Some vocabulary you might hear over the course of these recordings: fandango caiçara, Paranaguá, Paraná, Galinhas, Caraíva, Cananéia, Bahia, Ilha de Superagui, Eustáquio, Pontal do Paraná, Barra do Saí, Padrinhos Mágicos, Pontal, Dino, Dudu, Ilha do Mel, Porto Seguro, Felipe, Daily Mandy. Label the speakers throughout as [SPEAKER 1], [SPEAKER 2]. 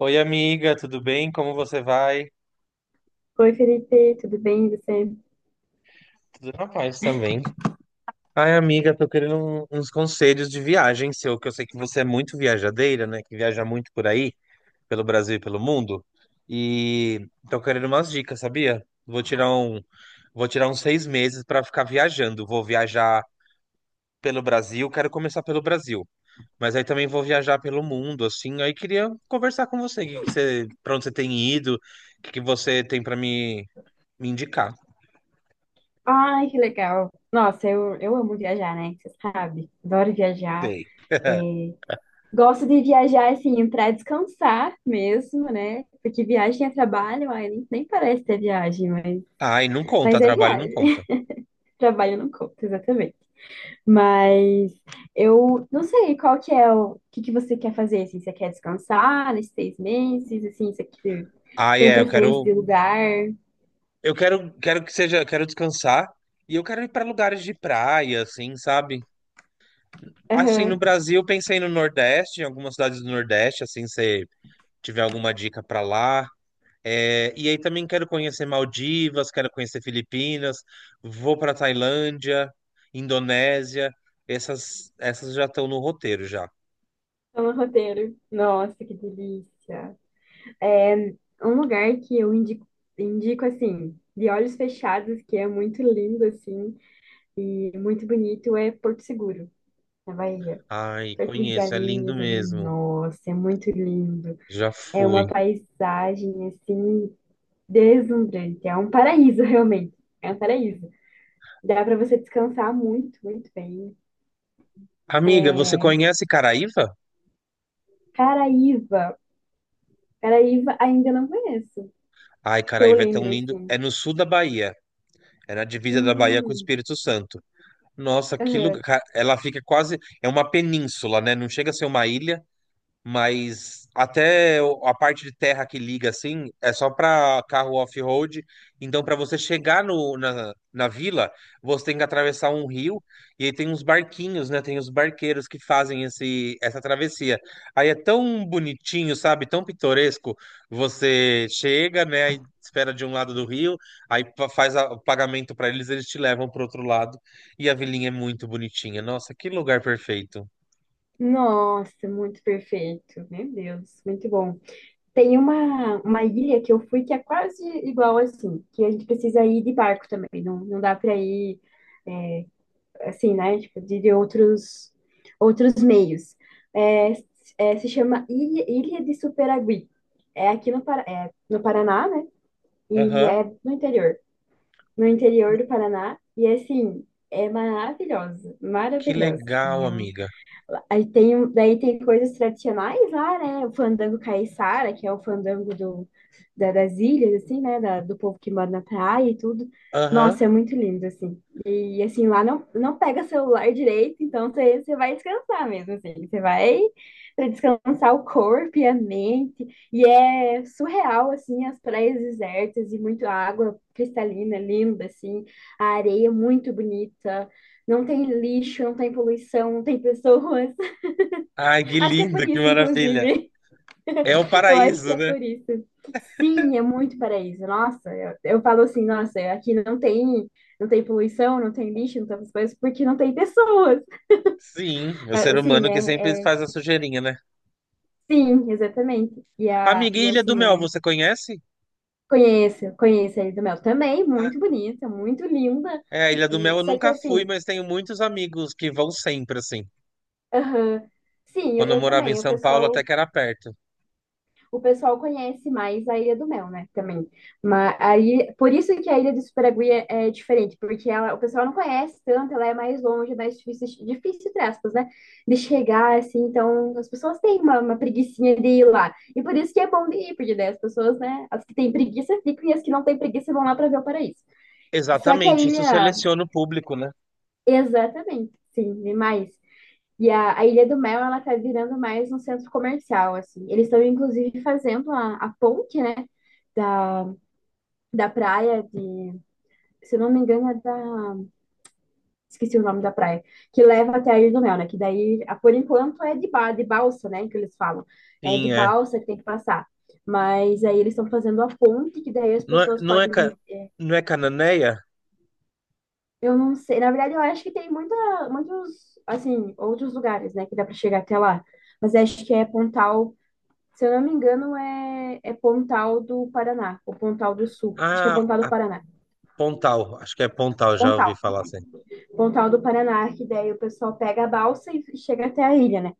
[SPEAKER 1] Oi, amiga, tudo bem? Como você vai?
[SPEAKER 2] Oi, Felipe, tudo bem? E você?
[SPEAKER 1] Tudo na paz também. Ai, amiga, tô querendo uns conselhos de viagem seu, que eu sei que você é muito viajadeira, né? Que viaja muito por aí, pelo Brasil e pelo mundo. E tô querendo umas dicas, sabia? Vou tirar um, vou tirar uns 6 meses pra ficar viajando. Vou viajar pelo Brasil, quero começar pelo Brasil, mas aí também vou viajar pelo mundo, assim. Aí queria conversar com você, para onde você tem ido, o que que você tem me indicar.
[SPEAKER 2] Ai, que legal. Nossa, eu amo viajar, né? Você sabe, adoro viajar. Gosto de viajar, assim, para descansar mesmo, né? Porque viagem é trabalho, ai, nem parece ter viagem,
[SPEAKER 1] Ai, não conta,
[SPEAKER 2] mas é
[SPEAKER 1] trabalho não
[SPEAKER 2] viagem.
[SPEAKER 1] conta.
[SPEAKER 2] Trabalho não conta, exatamente. Mas eu não sei qual que é o que que você quer fazer, assim, você quer descansar nesses 6 meses, assim, você
[SPEAKER 1] Ai,
[SPEAKER 2] tem
[SPEAKER 1] é,
[SPEAKER 2] preferência de lugar?
[SPEAKER 1] quero que seja, quero descansar e eu quero ir para lugares de praia, assim, sabe? Assim, no
[SPEAKER 2] Aham,
[SPEAKER 1] Brasil, pensei no Nordeste, em algumas cidades do Nordeste, assim, se tiver alguma dica para lá. É, e aí também quero conhecer Maldivas, quero conhecer Filipinas, vou para Tailândia, Indonésia, essas já estão no roteiro já.
[SPEAKER 2] tá no roteiro. Nossa, que delícia. É um lugar que eu indico, indico assim, de olhos fechados, que é muito lindo, assim, e muito bonito, é Porto Seguro, na Bahia.
[SPEAKER 1] Ai,
[SPEAKER 2] Perto de
[SPEAKER 1] conheço, é lindo
[SPEAKER 2] Galinhas ali,
[SPEAKER 1] mesmo.
[SPEAKER 2] nossa, é muito lindo.
[SPEAKER 1] Já
[SPEAKER 2] É uma
[SPEAKER 1] fui.
[SPEAKER 2] paisagem, assim, deslumbrante. É um paraíso, realmente. É um paraíso. Dá para você descansar muito, muito bem.
[SPEAKER 1] Amiga, você conhece Caraíva?
[SPEAKER 2] Caraíva. Caraíva ainda não conheço,
[SPEAKER 1] Ai,
[SPEAKER 2] que eu
[SPEAKER 1] Caraíva é tão
[SPEAKER 2] lembre,
[SPEAKER 1] lindo.
[SPEAKER 2] assim.
[SPEAKER 1] É no sul da Bahia. É na divisa da Bahia com o
[SPEAKER 2] Hum.
[SPEAKER 1] Espírito Santo. Nossa, que
[SPEAKER 2] Aham.
[SPEAKER 1] lugar. Ela fica quase. É uma península, né? Não chega a ser uma ilha, mas até a parte de terra que liga assim é só para carro off-road. Então, para você chegar no, na, na vila, você tem que atravessar um rio e aí tem uns barquinhos, né? Tem os barqueiros que fazem essa travessia. Aí é tão bonitinho, sabe? Tão pitoresco. Você chega, né? Aí espera de um lado do rio, aí pa- faz a- o pagamento para eles, eles te levam para outro lado. E a vilinha é muito bonitinha. Nossa, que lugar perfeito.
[SPEAKER 2] Nossa, muito perfeito. Meu Deus, muito bom. Tem uma ilha que eu fui que é quase igual assim, que a gente precisa ir de barco também. Não, não dá para ir assim, né? Tipo, de outros meios. É, se chama Ilha de Superagui. É aqui no Paraná, né? E
[SPEAKER 1] Aham.
[SPEAKER 2] é no interior. No interior do Paraná. E assim, é maravilhosa,
[SPEAKER 1] Que
[SPEAKER 2] maravilhosa.
[SPEAKER 1] legal,
[SPEAKER 2] Assim, eu
[SPEAKER 1] amiga.
[SPEAKER 2] aí daí tem coisas tradicionais lá, né? O fandango caiçara, que é o fandango das ilhas, assim, né? Do povo que mora na praia e tudo.
[SPEAKER 1] Aham.
[SPEAKER 2] Nossa, é muito lindo, assim. E, assim, lá não pega celular direito, então você vai descansar mesmo, assim. Você vai pra descansar o corpo e a mente. E é surreal, assim, as praias desertas e muito água cristalina, linda, assim. A areia muito bonita. Não tem lixo, não tem poluição, não tem pessoas.
[SPEAKER 1] Ai, que
[SPEAKER 2] Acho que é por
[SPEAKER 1] lindo, que
[SPEAKER 2] isso,
[SPEAKER 1] maravilha.
[SPEAKER 2] inclusive.
[SPEAKER 1] É o
[SPEAKER 2] Eu acho que
[SPEAKER 1] paraíso,
[SPEAKER 2] é
[SPEAKER 1] né?
[SPEAKER 2] por isso. Sim, é muito paraíso. Nossa, eu falo assim, nossa, aqui não tem poluição, não tem lixo, não tem essas coisas, porque não tem pessoas.
[SPEAKER 1] Sim, o ser
[SPEAKER 2] Ah, sim,
[SPEAKER 1] humano que sempre faz a sujeirinha, né?
[SPEAKER 2] sim, exatamente. E, a,
[SPEAKER 1] Amiga,
[SPEAKER 2] e
[SPEAKER 1] e Ilha do
[SPEAKER 2] assim,
[SPEAKER 1] Mel,
[SPEAKER 2] é,
[SPEAKER 1] você conhece?
[SPEAKER 2] conheço, conheço a Ilha do Mel também,
[SPEAKER 1] Ah,
[SPEAKER 2] muito bonita, muito linda.
[SPEAKER 1] é, Ilha do Mel
[SPEAKER 2] E,
[SPEAKER 1] eu
[SPEAKER 2] só que
[SPEAKER 1] nunca fui,
[SPEAKER 2] assim,
[SPEAKER 1] mas tenho muitos amigos que vão sempre, assim.
[SPEAKER 2] aham, sim, eu,
[SPEAKER 1] Quando eu
[SPEAKER 2] eu
[SPEAKER 1] morava em
[SPEAKER 2] também, o
[SPEAKER 1] São Paulo, até
[SPEAKER 2] pessoal
[SPEAKER 1] que era perto.
[SPEAKER 2] o pessoal conhece mais a Ilha do Mel, né? Também. Mas aí, por isso que a Ilha do Superagui é diferente, porque ela, o pessoal não conhece tanto, ela é mais longe, mais difícil, difícil, entre aspas, né? De chegar, assim, então as pessoas têm uma preguiçinha de ir lá. E por isso que é bom de ir, porque daí as pessoas, né? As que têm preguiça ficam e as que não têm preguiça vão lá para ver o paraíso. Só que a
[SPEAKER 1] Exatamente, isso
[SPEAKER 2] ilha,
[SPEAKER 1] seleciona o público, né?
[SPEAKER 2] exatamente, sim, demais. E a Ilha do Mel, ela tá virando mais um centro comercial, assim. Eles estão, inclusive, fazendo a ponte, né, da, da praia de... Se eu não me engano, é da... Esqueci o nome da praia. Que leva até a Ilha do Mel, né? Que daí, por enquanto, é de balsa, né, que eles falam. É de
[SPEAKER 1] Sim, é.
[SPEAKER 2] balsa que tem que passar. Mas aí eles estão fazendo a ponte, que daí as
[SPEAKER 1] Não é,
[SPEAKER 2] pessoas
[SPEAKER 1] não é, ca-
[SPEAKER 2] podem...
[SPEAKER 1] não é Cananéia?
[SPEAKER 2] Eu não sei. Na verdade, eu acho que tem muita, muitos, assim, outros lugares, né, que dá para chegar até lá. Mas acho que é Pontal. Se eu não me engano, é Pontal do Paraná, ou Pontal do Sul. Acho que é
[SPEAKER 1] Ah,
[SPEAKER 2] Pontal do
[SPEAKER 1] a
[SPEAKER 2] Paraná.
[SPEAKER 1] Pontal, acho que é Pontal, já
[SPEAKER 2] Pontal.
[SPEAKER 1] ouvi falar assim.
[SPEAKER 2] Pontal do Paraná, é que daí o pessoal pega a balsa e chega até a ilha, né?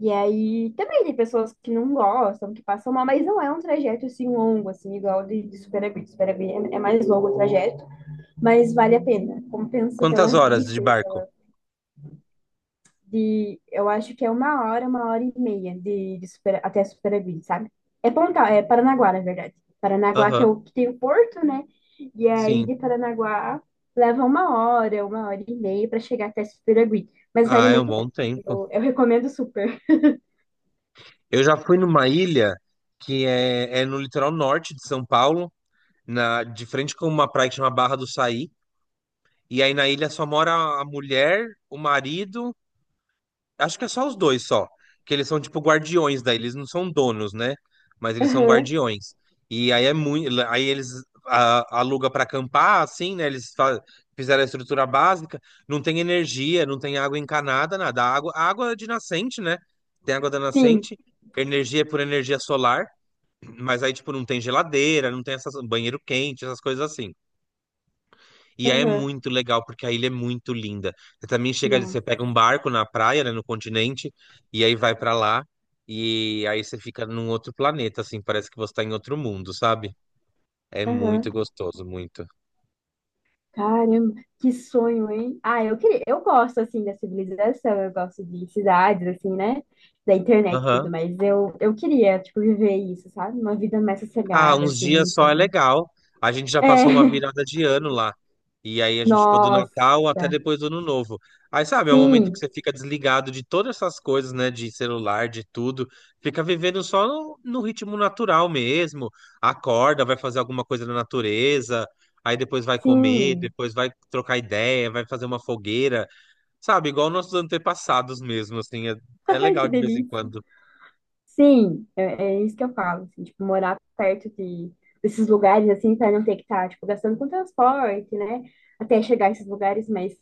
[SPEAKER 2] E aí também tem pessoas que não gostam, que passam mal, mas não é um trajeto assim longo, assim, igual de Superagui. Superagui é mais longo o trajeto, mas vale a pena. Compensa pela
[SPEAKER 1] Quantas horas de
[SPEAKER 2] vista
[SPEAKER 1] barco?
[SPEAKER 2] de, eu acho que é uma hora e meia de até Superaguí, sabe? É Pontal, é Paranaguá, na verdade. Paranaguá que é
[SPEAKER 1] Aham,
[SPEAKER 2] o que tem o porto, né? E aí
[SPEAKER 1] sim.
[SPEAKER 2] de Paranaguá leva uma hora e meia para chegar até Superaguí, mas
[SPEAKER 1] Ah,
[SPEAKER 2] vale
[SPEAKER 1] é um
[SPEAKER 2] muito a pena.
[SPEAKER 1] bom tempo.
[SPEAKER 2] Eu recomendo super.
[SPEAKER 1] Eu já fui numa ilha é no litoral norte de São Paulo, de frente com uma praia que chama Barra do Saí. E aí na ilha só mora a mulher, o marido, acho que é só os dois só, que eles são tipo guardiões da ilha, eles não são donos, né? Mas eles são
[SPEAKER 2] Aham.
[SPEAKER 1] guardiões. E aí é muito, aí eles a, aluga para acampar, assim, né? Fizeram a estrutura básica, não tem energia, não tem água encanada, nada. A água é de nascente, né? Tem água da
[SPEAKER 2] Sim.
[SPEAKER 1] nascente, energia é por energia solar, mas aí tipo não tem geladeira, não tem essas banheiro quente, essas coisas assim. E aí é
[SPEAKER 2] Aham.
[SPEAKER 1] muito legal, porque a ilha é muito linda. Você também chega, você
[SPEAKER 2] Nossa.
[SPEAKER 1] pega um barco na praia, né, no continente, e aí vai pra lá, e aí você fica num outro planeta, assim, parece que você tá em outro mundo, sabe? É
[SPEAKER 2] Aham.
[SPEAKER 1] muito gostoso, muito.
[SPEAKER 2] Caramba, que sonho, hein? Ah, eu queria, eu gosto assim da civilização, eu gosto de cidades assim, né? Da internet e tudo,
[SPEAKER 1] Aham.
[SPEAKER 2] mas eu queria, tipo, viver isso, sabe? Uma vida mais
[SPEAKER 1] Ah,
[SPEAKER 2] sossegada
[SPEAKER 1] uns
[SPEAKER 2] assim,
[SPEAKER 1] dias
[SPEAKER 2] e
[SPEAKER 1] só é
[SPEAKER 2] tudo.
[SPEAKER 1] legal. A gente já
[SPEAKER 2] É.
[SPEAKER 1] passou uma virada de ano lá. E aí a gente ficou do
[SPEAKER 2] Nossa.
[SPEAKER 1] Natal até depois do Ano Novo. Aí, sabe, é um momento que
[SPEAKER 2] Sim,
[SPEAKER 1] você fica desligado de todas essas coisas, né? De celular, de tudo. Fica vivendo só no ritmo natural mesmo. Acorda, vai fazer alguma coisa na natureza. Aí depois vai comer,
[SPEAKER 2] sim.
[SPEAKER 1] depois vai trocar ideia, vai fazer uma fogueira. Sabe, igual nossos antepassados mesmo, assim. É, é
[SPEAKER 2] Ai,
[SPEAKER 1] legal
[SPEAKER 2] que
[SPEAKER 1] de vez em
[SPEAKER 2] delícia.
[SPEAKER 1] quando.
[SPEAKER 2] Sim, é isso que eu falo, assim, tipo, morar perto de desses lugares assim, para não ter que estar, tipo, gastando com transporte, né? Até chegar a esses lugares, mas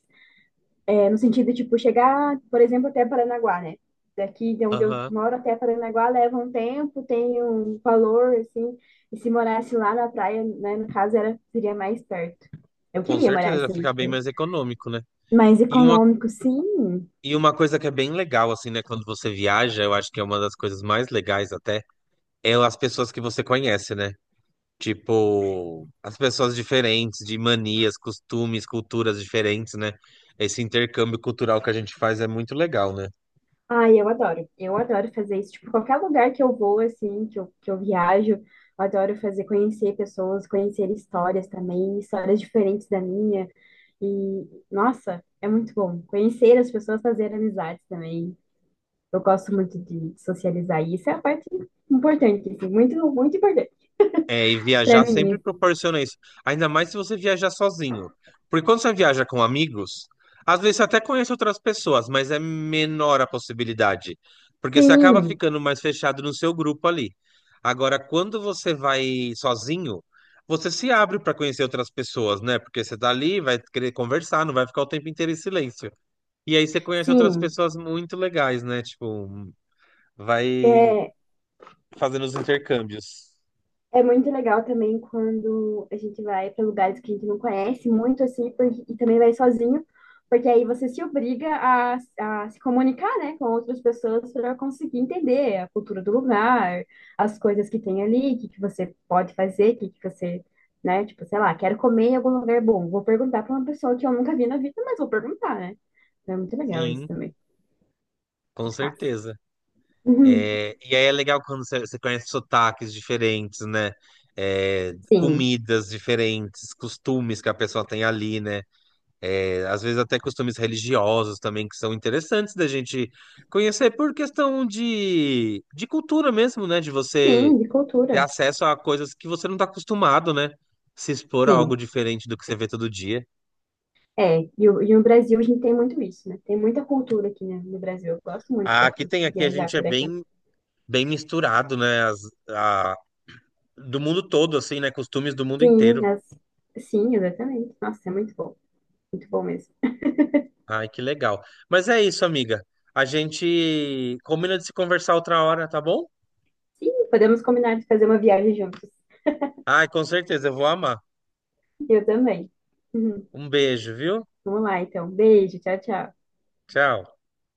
[SPEAKER 2] é, no sentido, tipo, chegar, por exemplo, até Paranaguá, né? Daqui de onde eu
[SPEAKER 1] Aham.
[SPEAKER 2] moro até Paranaguá leva um tempo, tem um valor, assim. E se morasse lá na praia, né, no caso, era, seria mais perto. Eu
[SPEAKER 1] Com
[SPEAKER 2] queria morar
[SPEAKER 1] certeza,
[SPEAKER 2] assim,
[SPEAKER 1] fica bem
[SPEAKER 2] tipo,
[SPEAKER 1] mais econômico, né?
[SPEAKER 2] mais
[SPEAKER 1] E uma
[SPEAKER 2] econômico, sim.
[SPEAKER 1] E uma coisa que é bem legal, assim, né? Quando você viaja, eu acho que é uma das coisas mais legais até, é as pessoas que você conhece, né? Tipo, as pessoas diferentes, de manias, costumes, culturas diferentes, né? Esse intercâmbio cultural que a gente faz é muito legal, né?
[SPEAKER 2] Ai, eu adoro. Eu adoro fazer isso. Tipo, qualquer lugar que eu vou, assim, que eu viajo, eu adoro fazer, conhecer pessoas, conhecer histórias também, histórias diferentes da minha. E, nossa, é muito bom. Conhecer as pessoas, fazer amizades também. Eu gosto muito de socializar, e isso é a parte importante, assim, muito, muito importante
[SPEAKER 1] É, e
[SPEAKER 2] para
[SPEAKER 1] viajar sempre
[SPEAKER 2] mim.
[SPEAKER 1] proporciona isso. Ainda mais se você viajar sozinho. Porque quando você viaja com amigos, às vezes você até conhece outras pessoas, mas é menor a possibilidade. Porque você acaba
[SPEAKER 2] Assim. Sim,
[SPEAKER 1] ficando mais fechado no seu grupo ali. Agora, quando você vai sozinho, você se abre para conhecer outras pessoas, né? Porque você tá ali, vai querer conversar, não vai ficar o tempo inteiro em silêncio. E aí você conhece outras
[SPEAKER 2] sim.
[SPEAKER 1] pessoas muito legais, né? Tipo, vai
[SPEAKER 2] é
[SPEAKER 1] fazendo os intercâmbios.
[SPEAKER 2] É muito legal também quando a gente vai para lugares que a gente não conhece muito, assim, e também vai sozinho, porque aí você se obriga a se comunicar, né, com outras pessoas para conseguir entender a cultura do lugar, as coisas que tem ali, o que que você pode fazer, o que que você, né, tipo, sei lá, quero comer em algum lugar bom, vou perguntar para uma pessoa que eu nunca vi na vida, mas vou perguntar, né? Então é muito legal isso
[SPEAKER 1] Sim,
[SPEAKER 2] também,
[SPEAKER 1] com
[SPEAKER 2] muito massa.
[SPEAKER 1] certeza.
[SPEAKER 2] Uhum.
[SPEAKER 1] É, e aí é legal quando você conhece sotaques diferentes, né? É,
[SPEAKER 2] Sim,
[SPEAKER 1] comidas diferentes, costumes que a pessoa tem ali, né? É, às vezes até costumes religiosos também que são interessantes da gente conhecer por questão de cultura mesmo, né? De você
[SPEAKER 2] sim, de
[SPEAKER 1] ter
[SPEAKER 2] cultura,
[SPEAKER 1] acesso a coisas que você não está acostumado, né? Se expor a algo
[SPEAKER 2] sim.
[SPEAKER 1] diferente do que você vê todo dia.
[SPEAKER 2] É, e, e no Brasil a gente tem muito isso, né? Tem muita cultura aqui, né, no Brasil. Eu gosto muito
[SPEAKER 1] Ah, aqui
[SPEAKER 2] daqui,
[SPEAKER 1] tem, aqui a
[SPEAKER 2] viajar
[SPEAKER 1] gente é
[SPEAKER 2] por aqui.
[SPEAKER 1] bem misturado, né? A- do mundo todo, assim, né? Costumes do mundo
[SPEAKER 2] Sim,
[SPEAKER 1] inteiro.
[SPEAKER 2] as... sim, exatamente. Nossa, é muito bom. Muito bom mesmo.
[SPEAKER 1] Ai, que legal. Mas é isso, amiga. A gente combina de se conversar outra hora, tá bom?
[SPEAKER 2] Sim, podemos combinar de fazer uma viagem juntos.
[SPEAKER 1] Ai, com certeza, eu vou amar.
[SPEAKER 2] Eu também. Uhum.
[SPEAKER 1] Um beijo, viu?
[SPEAKER 2] Vamos lá, então. Beijo, tchau, tchau.
[SPEAKER 1] Tchau.